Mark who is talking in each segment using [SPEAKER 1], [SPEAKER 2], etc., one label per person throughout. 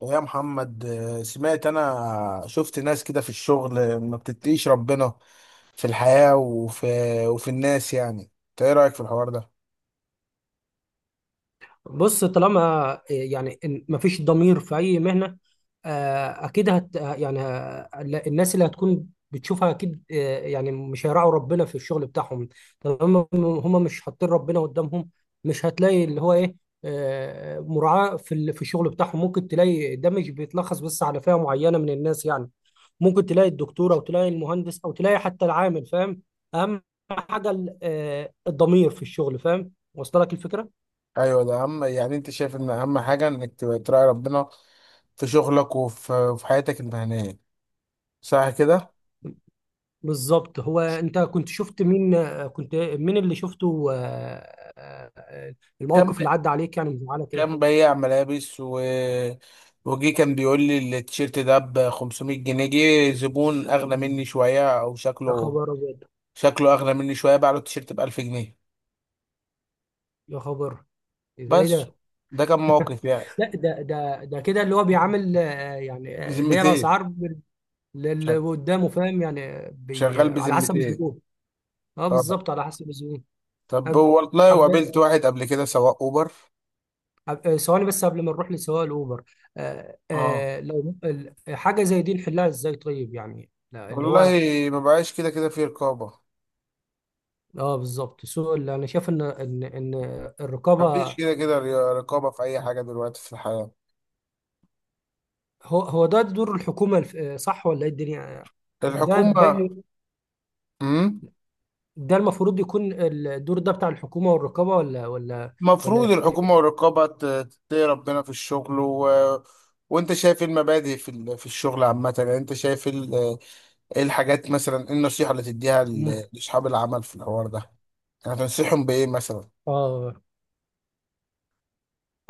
[SPEAKER 1] ويا محمد، سمعت انا شفت ناس كده في الشغل، ما بتتقيش ربنا في الحياة وفي الناس يعني. انت ايه رأيك في الحوار ده؟
[SPEAKER 2] بص، طالما يعني ما فيش ضمير في اي مهنه. اكيد يعني الناس اللي هتكون بتشوفها اكيد، يعني مش هيراعوا ربنا في الشغل بتاعهم. طالما هم مش حاطين ربنا قدامهم، مش هتلاقي اللي هو ايه، مراعاه في الشغل بتاعهم. ممكن تلاقي، ده مش بيتلخص بس على فئه معينه من الناس، يعني ممكن تلاقي الدكتور او تلاقي المهندس او تلاقي حتى العامل، فاهم؟ اهم حاجه الضمير في الشغل، فاهم؟ وصل لك الفكره؟
[SPEAKER 1] ايوه، ده اهم. يعني انت شايف ان اهم حاجة انك تبقى تراعي ربنا في شغلك وفي حياتك المهنية، صح كده؟
[SPEAKER 2] بالظبط. هو انت كنت مين اللي شفته؟
[SPEAKER 1] كان ب...
[SPEAKER 2] الموقف اللي عدى عليك، يعني، مزعله كده؟
[SPEAKER 1] كان بيع ملابس وجي كان بيقول لي التيشيرت ده ب 500 جنيه. جه زبون اغلى مني شوية، او
[SPEAKER 2] يا
[SPEAKER 1] شكله
[SPEAKER 2] خبر ابيض!
[SPEAKER 1] شكله اغلى مني شوية، باع له التيشيرت ب 1000 جنيه.
[SPEAKER 2] يا خبر! ازاي
[SPEAKER 1] بس
[SPEAKER 2] ده؟
[SPEAKER 1] ده كان موقف يعني.
[SPEAKER 2] لا، ده كده، اللي هو بيعامل، اللي هي
[SPEAKER 1] بذمتين.
[SPEAKER 2] الاسعار للي
[SPEAKER 1] شغ-
[SPEAKER 2] قدامه، فاهم؟ يعني آه، بي
[SPEAKER 1] شغال
[SPEAKER 2] آه، على حسب
[SPEAKER 1] بذمتين.
[SPEAKER 2] الزبون. اه،
[SPEAKER 1] طبعا.
[SPEAKER 2] بالظبط، على حسب الزبون.
[SPEAKER 1] طب
[SPEAKER 2] أب-
[SPEAKER 1] والله، وقابلت
[SPEAKER 2] أب-
[SPEAKER 1] واحد قبل كده سواق اوبر.
[SPEAKER 2] ثواني بس قبل ما نروح لسواق الاوبر.
[SPEAKER 1] اه
[SPEAKER 2] لو حاجه زي دي نحلها ازاي، طيب؟ يعني، لا، اللي
[SPEAKER 1] والله،
[SPEAKER 2] هو...
[SPEAKER 1] ما بقاش كده كده في رقابة.
[SPEAKER 2] اه، بالظبط، سوء، اللي انا شايف ان
[SPEAKER 1] مفيش
[SPEAKER 2] الرقابه.
[SPEAKER 1] كده كده رقابة في أي حاجة دلوقتي في الحياة.
[SPEAKER 2] هو ده دور الحكومه، صح ولا ايه؟ الدنيا... ده
[SPEAKER 1] الحكومة.
[SPEAKER 2] باين.
[SPEAKER 1] امم.
[SPEAKER 2] ده المفروض يكون الدور ده بتاع الحكومه والرقابه، ولا ولا
[SPEAKER 1] المفروض
[SPEAKER 2] في
[SPEAKER 1] الحكومة
[SPEAKER 2] إيه؟
[SPEAKER 1] والرقابة تتقي ربنا في الشغل. و... وأنت شايف إيه المبادئ في الشغل عامة؟ يعني أنت شايف ال... ايه الحاجات، مثلا ايه النصيحة اللي تديها
[SPEAKER 2] مم.
[SPEAKER 1] لاصحاب العمل في الحوار ده؟ يعني تنصحهم بايه مثلا؟
[SPEAKER 2] اه،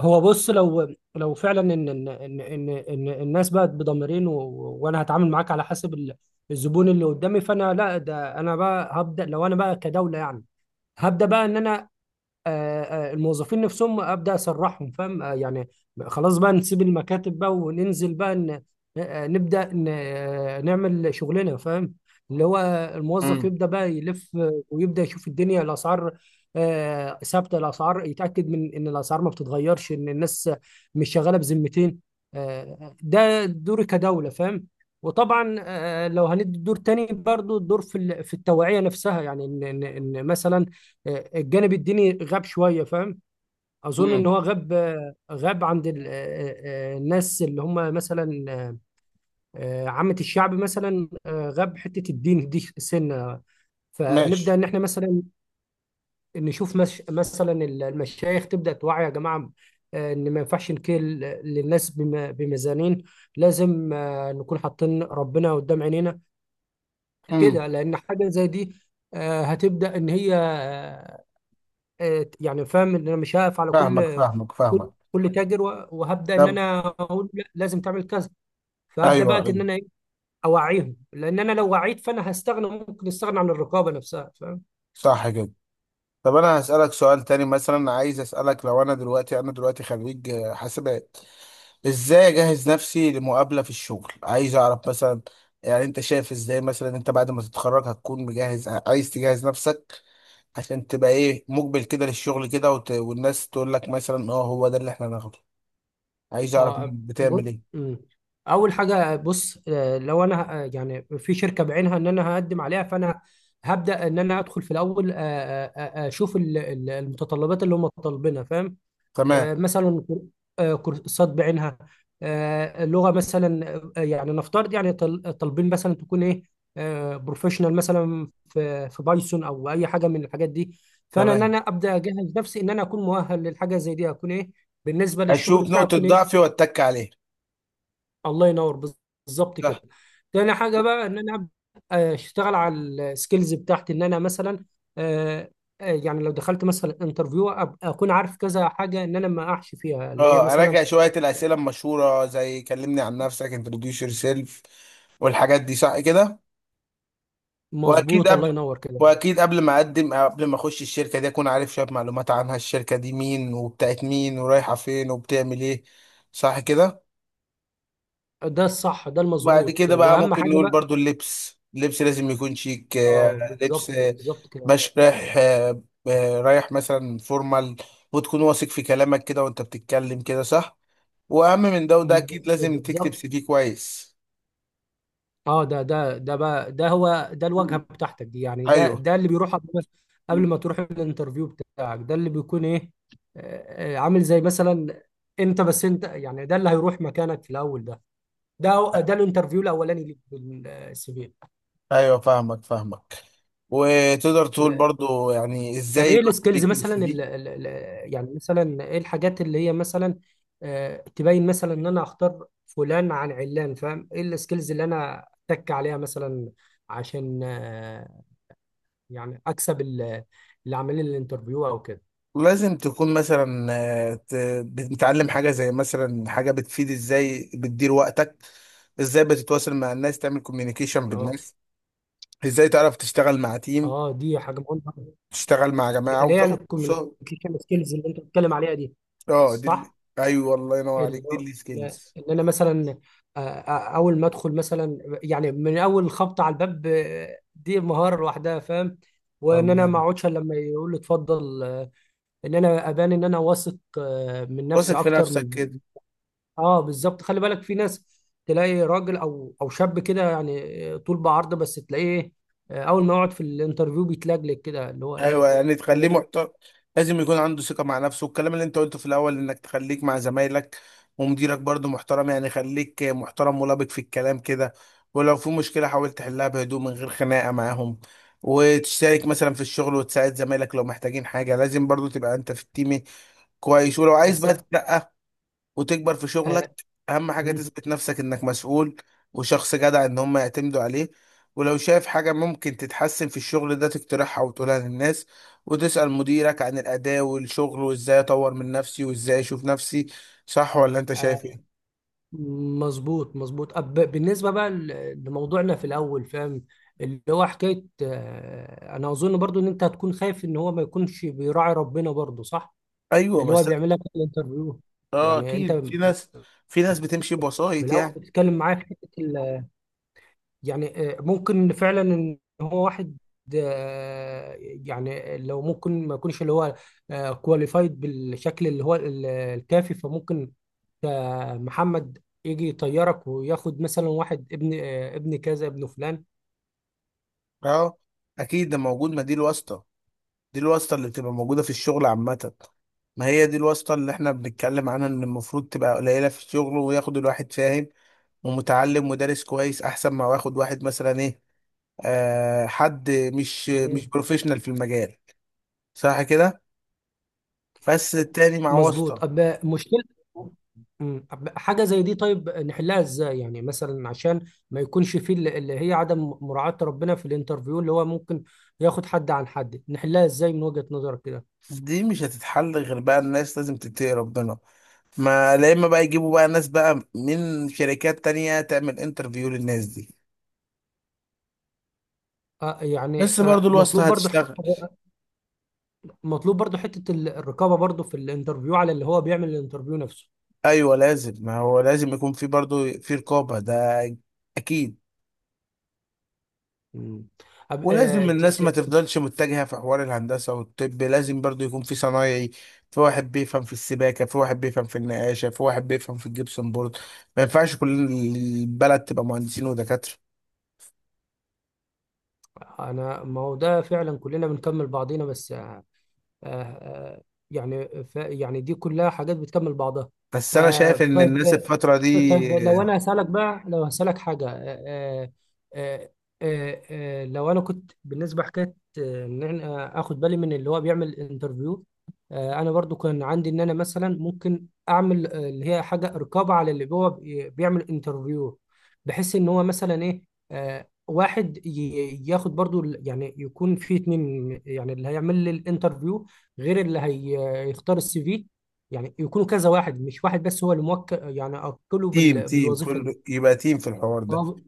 [SPEAKER 2] هو بص. لو فعلا إن الناس بقت بضميرين، و... وانا هتعامل معاك على حسب الزبون اللي قدامي. فانا، لا، ده انا بقى هبدا. لو انا بقى كدوله، يعني، هبدا بقى ان انا... الموظفين نفسهم، ابدا اسرحهم، فاهم؟ يعني، خلاص بقى، نسيب المكاتب بقى وننزل بقى، ن... آه، آه، نبدا ن... آه، نعمل شغلنا، فاهم؟ اللي هو الموظف
[SPEAKER 1] امم.
[SPEAKER 2] يبدا بقى يلف، ويبدا يشوف الدنيا، الاسعار، ثابته، الاسعار، يتاكد من ان الاسعار ما بتتغيرش، ان الناس مش شغاله بذمتين. ده دوري كدوله، فاهم؟ وطبعا لو هندي دور تاني برضو، الدور في التوعيه نفسها، يعني ان ان إن مثلا الجانب الديني غاب شويه، فاهم؟ اظن ان
[SPEAKER 1] امم.
[SPEAKER 2] هو غاب عند الناس اللي هم مثلا عامه الشعب مثلا، غاب حته، الدين دي سنه. فنبدا
[SPEAKER 1] ماشي.
[SPEAKER 2] ان احنا مثلا نشوف، مش مثلا المشايخ تبدا توعي، يا جماعه، ان ما ينفعش نكل للناس بميزانين. لازم نكون حاطين ربنا قدام عينينا
[SPEAKER 1] امم.
[SPEAKER 2] كده، لان حاجه زي دي هتبدا، ان هي يعني، فاهم؟ ان انا مش هقف على
[SPEAKER 1] فاهمك،
[SPEAKER 2] كل
[SPEAKER 1] فاهمك، فاهمك.
[SPEAKER 2] كل تاجر وهبدا ان
[SPEAKER 1] طب.
[SPEAKER 2] انا اقول لا، لازم تعمل كذا. فهبدا
[SPEAKER 1] ايوه،
[SPEAKER 2] بقى
[SPEAKER 1] ايوه.
[SPEAKER 2] ان انا إيه؟ اوعيهم، لان انا لو وعيت، فانا هستغنى، ممكن استغنى عن الرقابه نفسها، فاهم؟
[SPEAKER 1] صح كده. طب انا هسألك سؤال تاني، مثلا عايز اسألك، لو انا دلوقتي خريج حاسبات، ازاي اجهز نفسي لمقابلة في الشغل؟ عايز اعرف مثلا، يعني انت شايف ازاي، مثلا انت بعد ما تتخرج هتكون مجهز، عايز تجهز نفسك عشان تبقى ايه مقبل كده للشغل كده، والناس تقول لك مثلا، اه هو ده اللي احنا هناخده. عايز اعرف منك
[SPEAKER 2] اه، بص.
[SPEAKER 1] بتعمل ايه؟
[SPEAKER 2] مم. اول حاجه، بص، لو انا يعني في شركه بعينها ان انا هقدم عليها، فانا هبدا ان انا ادخل في الاول، اشوف المتطلبات اللي هم طالبينها، فاهم؟
[SPEAKER 1] تمام.
[SPEAKER 2] مثلا كورسات بعينها، لغه مثلا، يعني نفترض، يعني طالبين مثلا تكون ايه، بروفيشنال مثلا في بايثون او اي حاجه من الحاجات دي. فانا ان
[SPEAKER 1] تمام.
[SPEAKER 2] انا ابدا اجهز نفسي، ان انا اكون مؤهل للحاجه زي دي، اكون ايه بالنسبه للشغل
[SPEAKER 1] اشوف
[SPEAKER 2] بتاعي،
[SPEAKER 1] نقطة
[SPEAKER 2] اكون ايه...
[SPEAKER 1] ضعفي واتك عليها.
[SPEAKER 2] الله ينور. بالظبط كده.
[SPEAKER 1] صح.
[SPEAKER 2] تاني حاجه بقى، ان انا ابدا اشتغل على السكيلز بتاعتي، ان انا مثلا آه، يعني لو دخلت مثلا انترفيو، اكون عارف كذا حاجه، ان انا ما اقعش فيها، اللي هي
[SPEAKER 1] اه،
[SPEAKER 2] مثلا...
[SPEAKER 1] اراجع شوية الاسئلة المشهورة زي كلمني عن نفسك، انتروديوس يور سيلف، والحاجات دي، صح كده؟ واكيد
[SPEAKER 2] مظبوط، الله
[SPEAKER 1] قبل
[SPEAKER 2] ينور كده.
[SPEAKER 1] واكيد قبل ما اقدم أو قبل ما اخش الشركة دي، اكون عارف شوية معلومات عنها. الشركة دي مين، وبتاعت مين، ورايحة فين، وبتعمل ايه؟ صح كده.
[SPEAKER 2] ده الصح، ده
[SPEAKER 1] بعد
[SPEAKER 2] المظبوط،
[SPEAKER 1] كده بقى
[SPEAKER 2] واهم
[SPEAKER 1] ممكن
[SPEAKER 2] حاجه
[SPEAKER 1] نقول
[SPEAKER 2] بقى.
[SPEAKER 1] برضو، اللبس لازم يكون شيك،
[SPEAKER 2] اه
[SPEAKER 1] لبس،
[SPEAKER 2] بالظبط، بالظبط كده.
[SPEAKER 1] باش رايح، رايح مثلا فورمال. وتكون واثق في كلامك كده، وانت بتتكلم كده، صح. واهم من ده وده،
[SPEAKER 2] م-
[SPEAKER 1] اكيد لازم تكتب
[SPEAKER 2] بالظبط.
[SPEAKER 1] سي في كويس.
[SPEAKER 2] اه، ده بقى، ده هو ده الواجهه بتاعتك دي، يعني ده
[SPEAKER 1] ايوه،
[SPEAKER 2] ده اللي بيروح قبل، قبل ما تروح الانترفيو بتاعك، ده اللي بيكون ايه، عامل زي مثلا انت، بس انت، يعني ده اللي هيروح مكانك في الاول، ده الانترفيو الاولاني ليك بالسي
[SPEAKER 1] ايوه. فاهمك، فاهمك. وتقدر تقول
[SPEAKER 2] في.
[SPEAKER 1] برضو يعني
[SPEAKER 2] طب
[SPEAKER 1] ازاي
[SPEAKER 2] ايه
[SPEAKER 1] الواحد
[SPEAKER 2] السكيلز
[SPEAKER 1] بيكتب
[SPEAKER 2] مثلا،
[SPEAKER 1] السي
[SPEAKER 2] ال
[SPEAKER 1] في؟
[SPEAKER 2] ال ال يعني مثلا ايه الحاجات اللي هي مثلا تبين مثلا ان انا اختار فلان عن علان، فاهم؟ ايه السكيلز اللي انا اتك عليها مثلا عشان يعني اكسب اللي عاملين الانترفيو او كده.
[SPEAKER 1] لازم تكون مثلا، آه، ت- بتتعلم حاجة زي مثلا، حاجة بتفيد. ازاي بتدير وقتك، ازاي بتتواصل مع الناس، تعمل كوميونيكيشن
[SPEAKER 2] اه،
[SPEAKER 1] بالناس. ازاي تعرف تشتغل مع تيم،
[SPEAKER 2] اه، دي حاجه مهمه.
[SPEAKER 1] تشتغل مع جماعة،
[SPEAKER 2] اللي هي
[SPEAKER 1] وتاخد كورسات.
[SPEAKER 2] الكوميونيكيشن سكيلز اللي انت بتتكلم عليها دي،
[SPEAKER 1] اه، دي ال-.
[SPEAKER 2] صح؟
[SPEAKER 1] ايوه، والله ينور عليك،
[SPEAKER 2] اللي
[SPEAKER 1] دي
[SPEAKER 2] هو ان
[SPEAKER 1] السكيلز.
[SPEAKER 2] إن انا مثلا، اول ما ادخل مثلا، يعني من اول خبطه على الباب، دي مهاره لوحدها، فاهم؟ وان انا ما اقعدش إلا لما يقول لي اتفضل. ان انا ابان ان انا واثق، من
[SPEAKER 1] واثق
[SPEAKER 2] نفسي
[SPEAKER 1] في
[SPEAKER 2] اكتر
[SPEAKER 1] نفسك كده.
[SPEAKER 2] اه بالظبط، خلي بالك، في ناس تلاقي راجل او شاب كده، يعني، طول بعرضه، بس تلاقيه اول ما يقعد في الانترفيو بيتلجلج كده، اللي هو
[SPEAKER 1] ايوه،
[SPEAKER 2] ايه.
[SPEAKER 1] يعني تخليه محترم. لازم يكون عنده ثقه مع نفسه. والكلام اللي انت قلته في الاول، انك تخليك مع زمايلك ومديرك برضه محترم، يعني خليك محترم ولبق في الكلام كده. ولو في مشكله حاول تحلها بهدوء من غير خناقه معاهم. وتشترك مثلا في الشغل وتساعد زمايلك لو محتاجين حاجه. لازم برضه تبقى انت في التيم كويس. ولو عايز
[SPEAKER 2] بس
[SPEAKER 1] بقى تترقى وتكبر في شغلك،
[SPEAKER 2] آه،
[SPEAKER 1] اهم حاجة
[SPEAKER 2] مم.
[SPEAKER 1] تثبت نفسك انك مسؤول. وشخص جدع ان هم يعتمدوا عليه. ولو شايف حاجة ممكن تتحسن في الشغل ده، تقترحها وتقولها للناس. وتسأل مديرك عن الأداء والشغل، وازاي اطور من نفسي، وازاي اشوف نفسي. صح، ولا انت شايف
[SPEAKER 2] آه،
[SPEAKER 1] ايه؟
[SPEAKER 2] مظبوط، مظبوط. بالنسبه بقى لموضوعنا في الاول، فاهم؟ اللي هو حكايه انا اظن برضو ان انت هتكون خايف ان هو ما يكونش بيراعي ربنا برضو، صح؟
[SPEAKER 1] ايوه،
[SPEAKER 2] اللي هو
[SPEAKER 1] بس.
[SPEAKER 2] بيعمل لك الانترفيو،
[SPEAKER 1] اه،
[SPEAKER 2] يعني انت
[SPEAKER 1] اكيد في
[SPEAKER 2] من
[SPEAKER 1] ناس في ناس بتمشي بوسائط
[SPEAKER 2] الاول
[SPEAKER 1] يعني.
[SPEAKER 2] بتتكلم معايا في حته، يعني ممكن فعلا ان هو واحد يعني لو ممكن ما يكونش اللي هو كواليفايد بالشكل اللي هو الكافي، فممكن محمد يجي يطيرك وياخد مثلا واحد، ابن ابن كذا ابن فلان.
[SPEAKER 1] اه، اكيد ده موجود. ما دي الواسطة، دي الواسطة اللي بتبقى موجودة في الشغل عامة. ما هي دي الواسطة اللي احنا بنتكلم عنها، ان المفروض تبقى قليلة في الشغل، وياخد الواحد فاهم ومتعلم ودارس كويس، احسن ما واخد واحد مثلا ايه، حد مش
[SPEAKER 2] مم.
[SPEAKER 1] مش بروفيشنال في المجال. صح كده. بس التاني مع
[SPEAKER 2] مظبوط.
[SPEAKER 1] واسطة.
[SPEAKER 2] مشكلة. مم. حاجة زي دي، طيب، نحلها ازاي؟ يعني مثلا، عشان ما يكونش فيه اللي هي عدم مراعاة ربنا في الانترفيو، اللي هو ممكن ياخد حد عن حد. نحلها ازاي من وجهة نظرك كده؟
[SPEAKER 1] دي مش هتتحل غير بقى الناس لازم تتقي ربنا. ما لا، اما بقى يجيبوا بقى ناس بقى من شركات تانية تعمل انترفيو للناس دي. بس برضو الواسطة
[SPEAKER 2] مطلوب برضو
[SPEAKER 1] هتشتغل.
[SPEAKER 2] حكاية، مطلوب برضو حتة الرقابة برضو في الانترفيو على اللي هو بيعمل الانترفيو نفسه.
[SPEAKER 1] ايوه، لازم. ما هو لازم يكون في برضه في رقابه، ده. اكيد.
[SPEAKER 2] مم. أب... آه،
[SPEAKER 1] ولازم
[SPEAKER 2] ت...
[SPEAKER 1] الناس
[SPEAKER 2] ت...
[SPEAKER 1] ما
[SPEAKER 2] ت-
[SPEAKER 1] تفضلش متجهه في حوار الهندسه والطب. لازم برضه يكون في صنايعي، في واحد بيفهم في السباكه، في واحد بيفهم في النقاشه، في واحد بيفهم في الجبسن بورد. ما ينفعش كل البلد تبقى مهندسين ودكاتره.
[SPEAKER 2] أنا، ما هو ده فعلا، كلنا بنكمل بعضينا. بس آه، آه، يعني، يعني دي كلها حاجات بتكمل بعضها.
[SPEAKER 1] بس انا شايف ان
[SPEAKER 2] طيب،
[SPEAKER 1] الناس الفتره دي.
[SPEAKER 2] طيب، لو انا هسألك بقى، لو هسألك حاجة، آه، لو انا كنت بالنسبة حكاية ان انا اخد بالي من اللي هو بيعمل انترفيو. انا برضو كان عندي، ان انا مثلا ممكن اعمل اللي هي حاجة رقابة على اللي هو بيعمل انترفيو، بحيث ان هو مثلا ايه، واحد ياخد برضو يعني يكون في اتنين، يعني اللي هيعمل لي الانترفيو غير اللي هيختار السي في، يعني يكونوا كذا واحد، مش واحد بس هو اللي موكل، يعني أوكله
[SPEAKER 1] تيم، تيم،
[SPEAKER 2] بالوظيفة دي.
[SPEAKER 1] كل يبقى تيم في الحوار ده.
[SPEAKER 2] اه،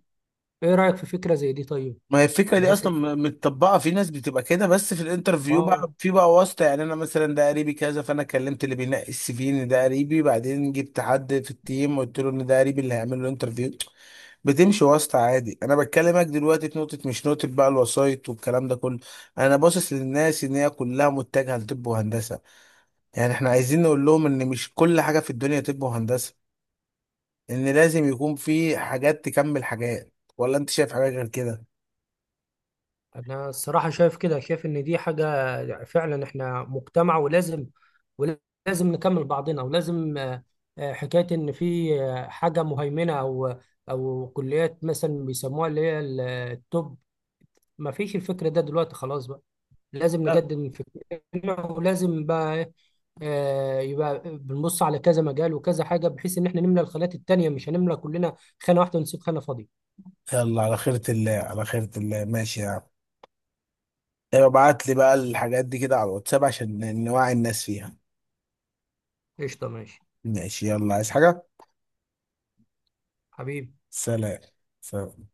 [SPEAKER 2] ايه رأيك في فكرة زي دي، طيب؟
[SPEAKER 1] ما هي الفكرة دي
[SPEAKER 2] بحيث إن-
[SPEAKER 1] أصلا متطبقة في ناس بتبقى كده. بس في الانترفيو
[SPEAKER 2] اه،
[SPEAKER 1] بقى في بقى واسطة. يعني أنا مثلا ده قريبي كذا، فأنا كلمت اللي بينقي السي في إن ده قريبي، بعدين جبت حد في التيم وقلت له إن ده قريبي اللي هيعمل له الانترفيو. بتمشي واسطة عادي. أنا بتكلمك دلوقتي في نقطة، مش نقطة بقى الوسايط والكلام ده كله. أنا باصص للناس إن هي كلها متجهة لطب وهندسة. يعني إحنا عايزين نقول لهم إن مش كل حاجة في الدنيا طب وهندسة. إن لازم يكون في حاجات تكمل حاجات، ولا أنت شايف حاجة غير كده؟
[SPEAKER 2] انا الصراحة شايف كده، شايف ان دي حاجة فعلا، احنا مجتمع، ولازم ولازم نكمل بعضنا، ولازم حكاية ان في حاجة مهيمنة او كليات مثلا بيسموها اللي هي التوب. ما فيش الفكرة ده دلوقتي، خلاص بقى، لازم نجدد من فكرنا، ولازم بقى إيه، يبقى بنبص على كذا مجال وكذا حاجه، بحيث ان احنا نملى الخانات التانيه، مش هنملى كلنا خانه واحده ونسيب خانه فاضيه.
[SPEAKER 1] يلا، على خيرة الله، على خيرة الله، ماشي يا عم. يبقى ابعت لي بقى الحاجات دي كده على الواتساب عشان نوعي الناس فيها.
[SPEAKER 2] قشطه، ماشي،
[SPEAKER 1] ماشي، يلا، عايز حاجة؟
[SPEAKER 2] حبيبي.
[SPEAKER 1] سلام. سلام.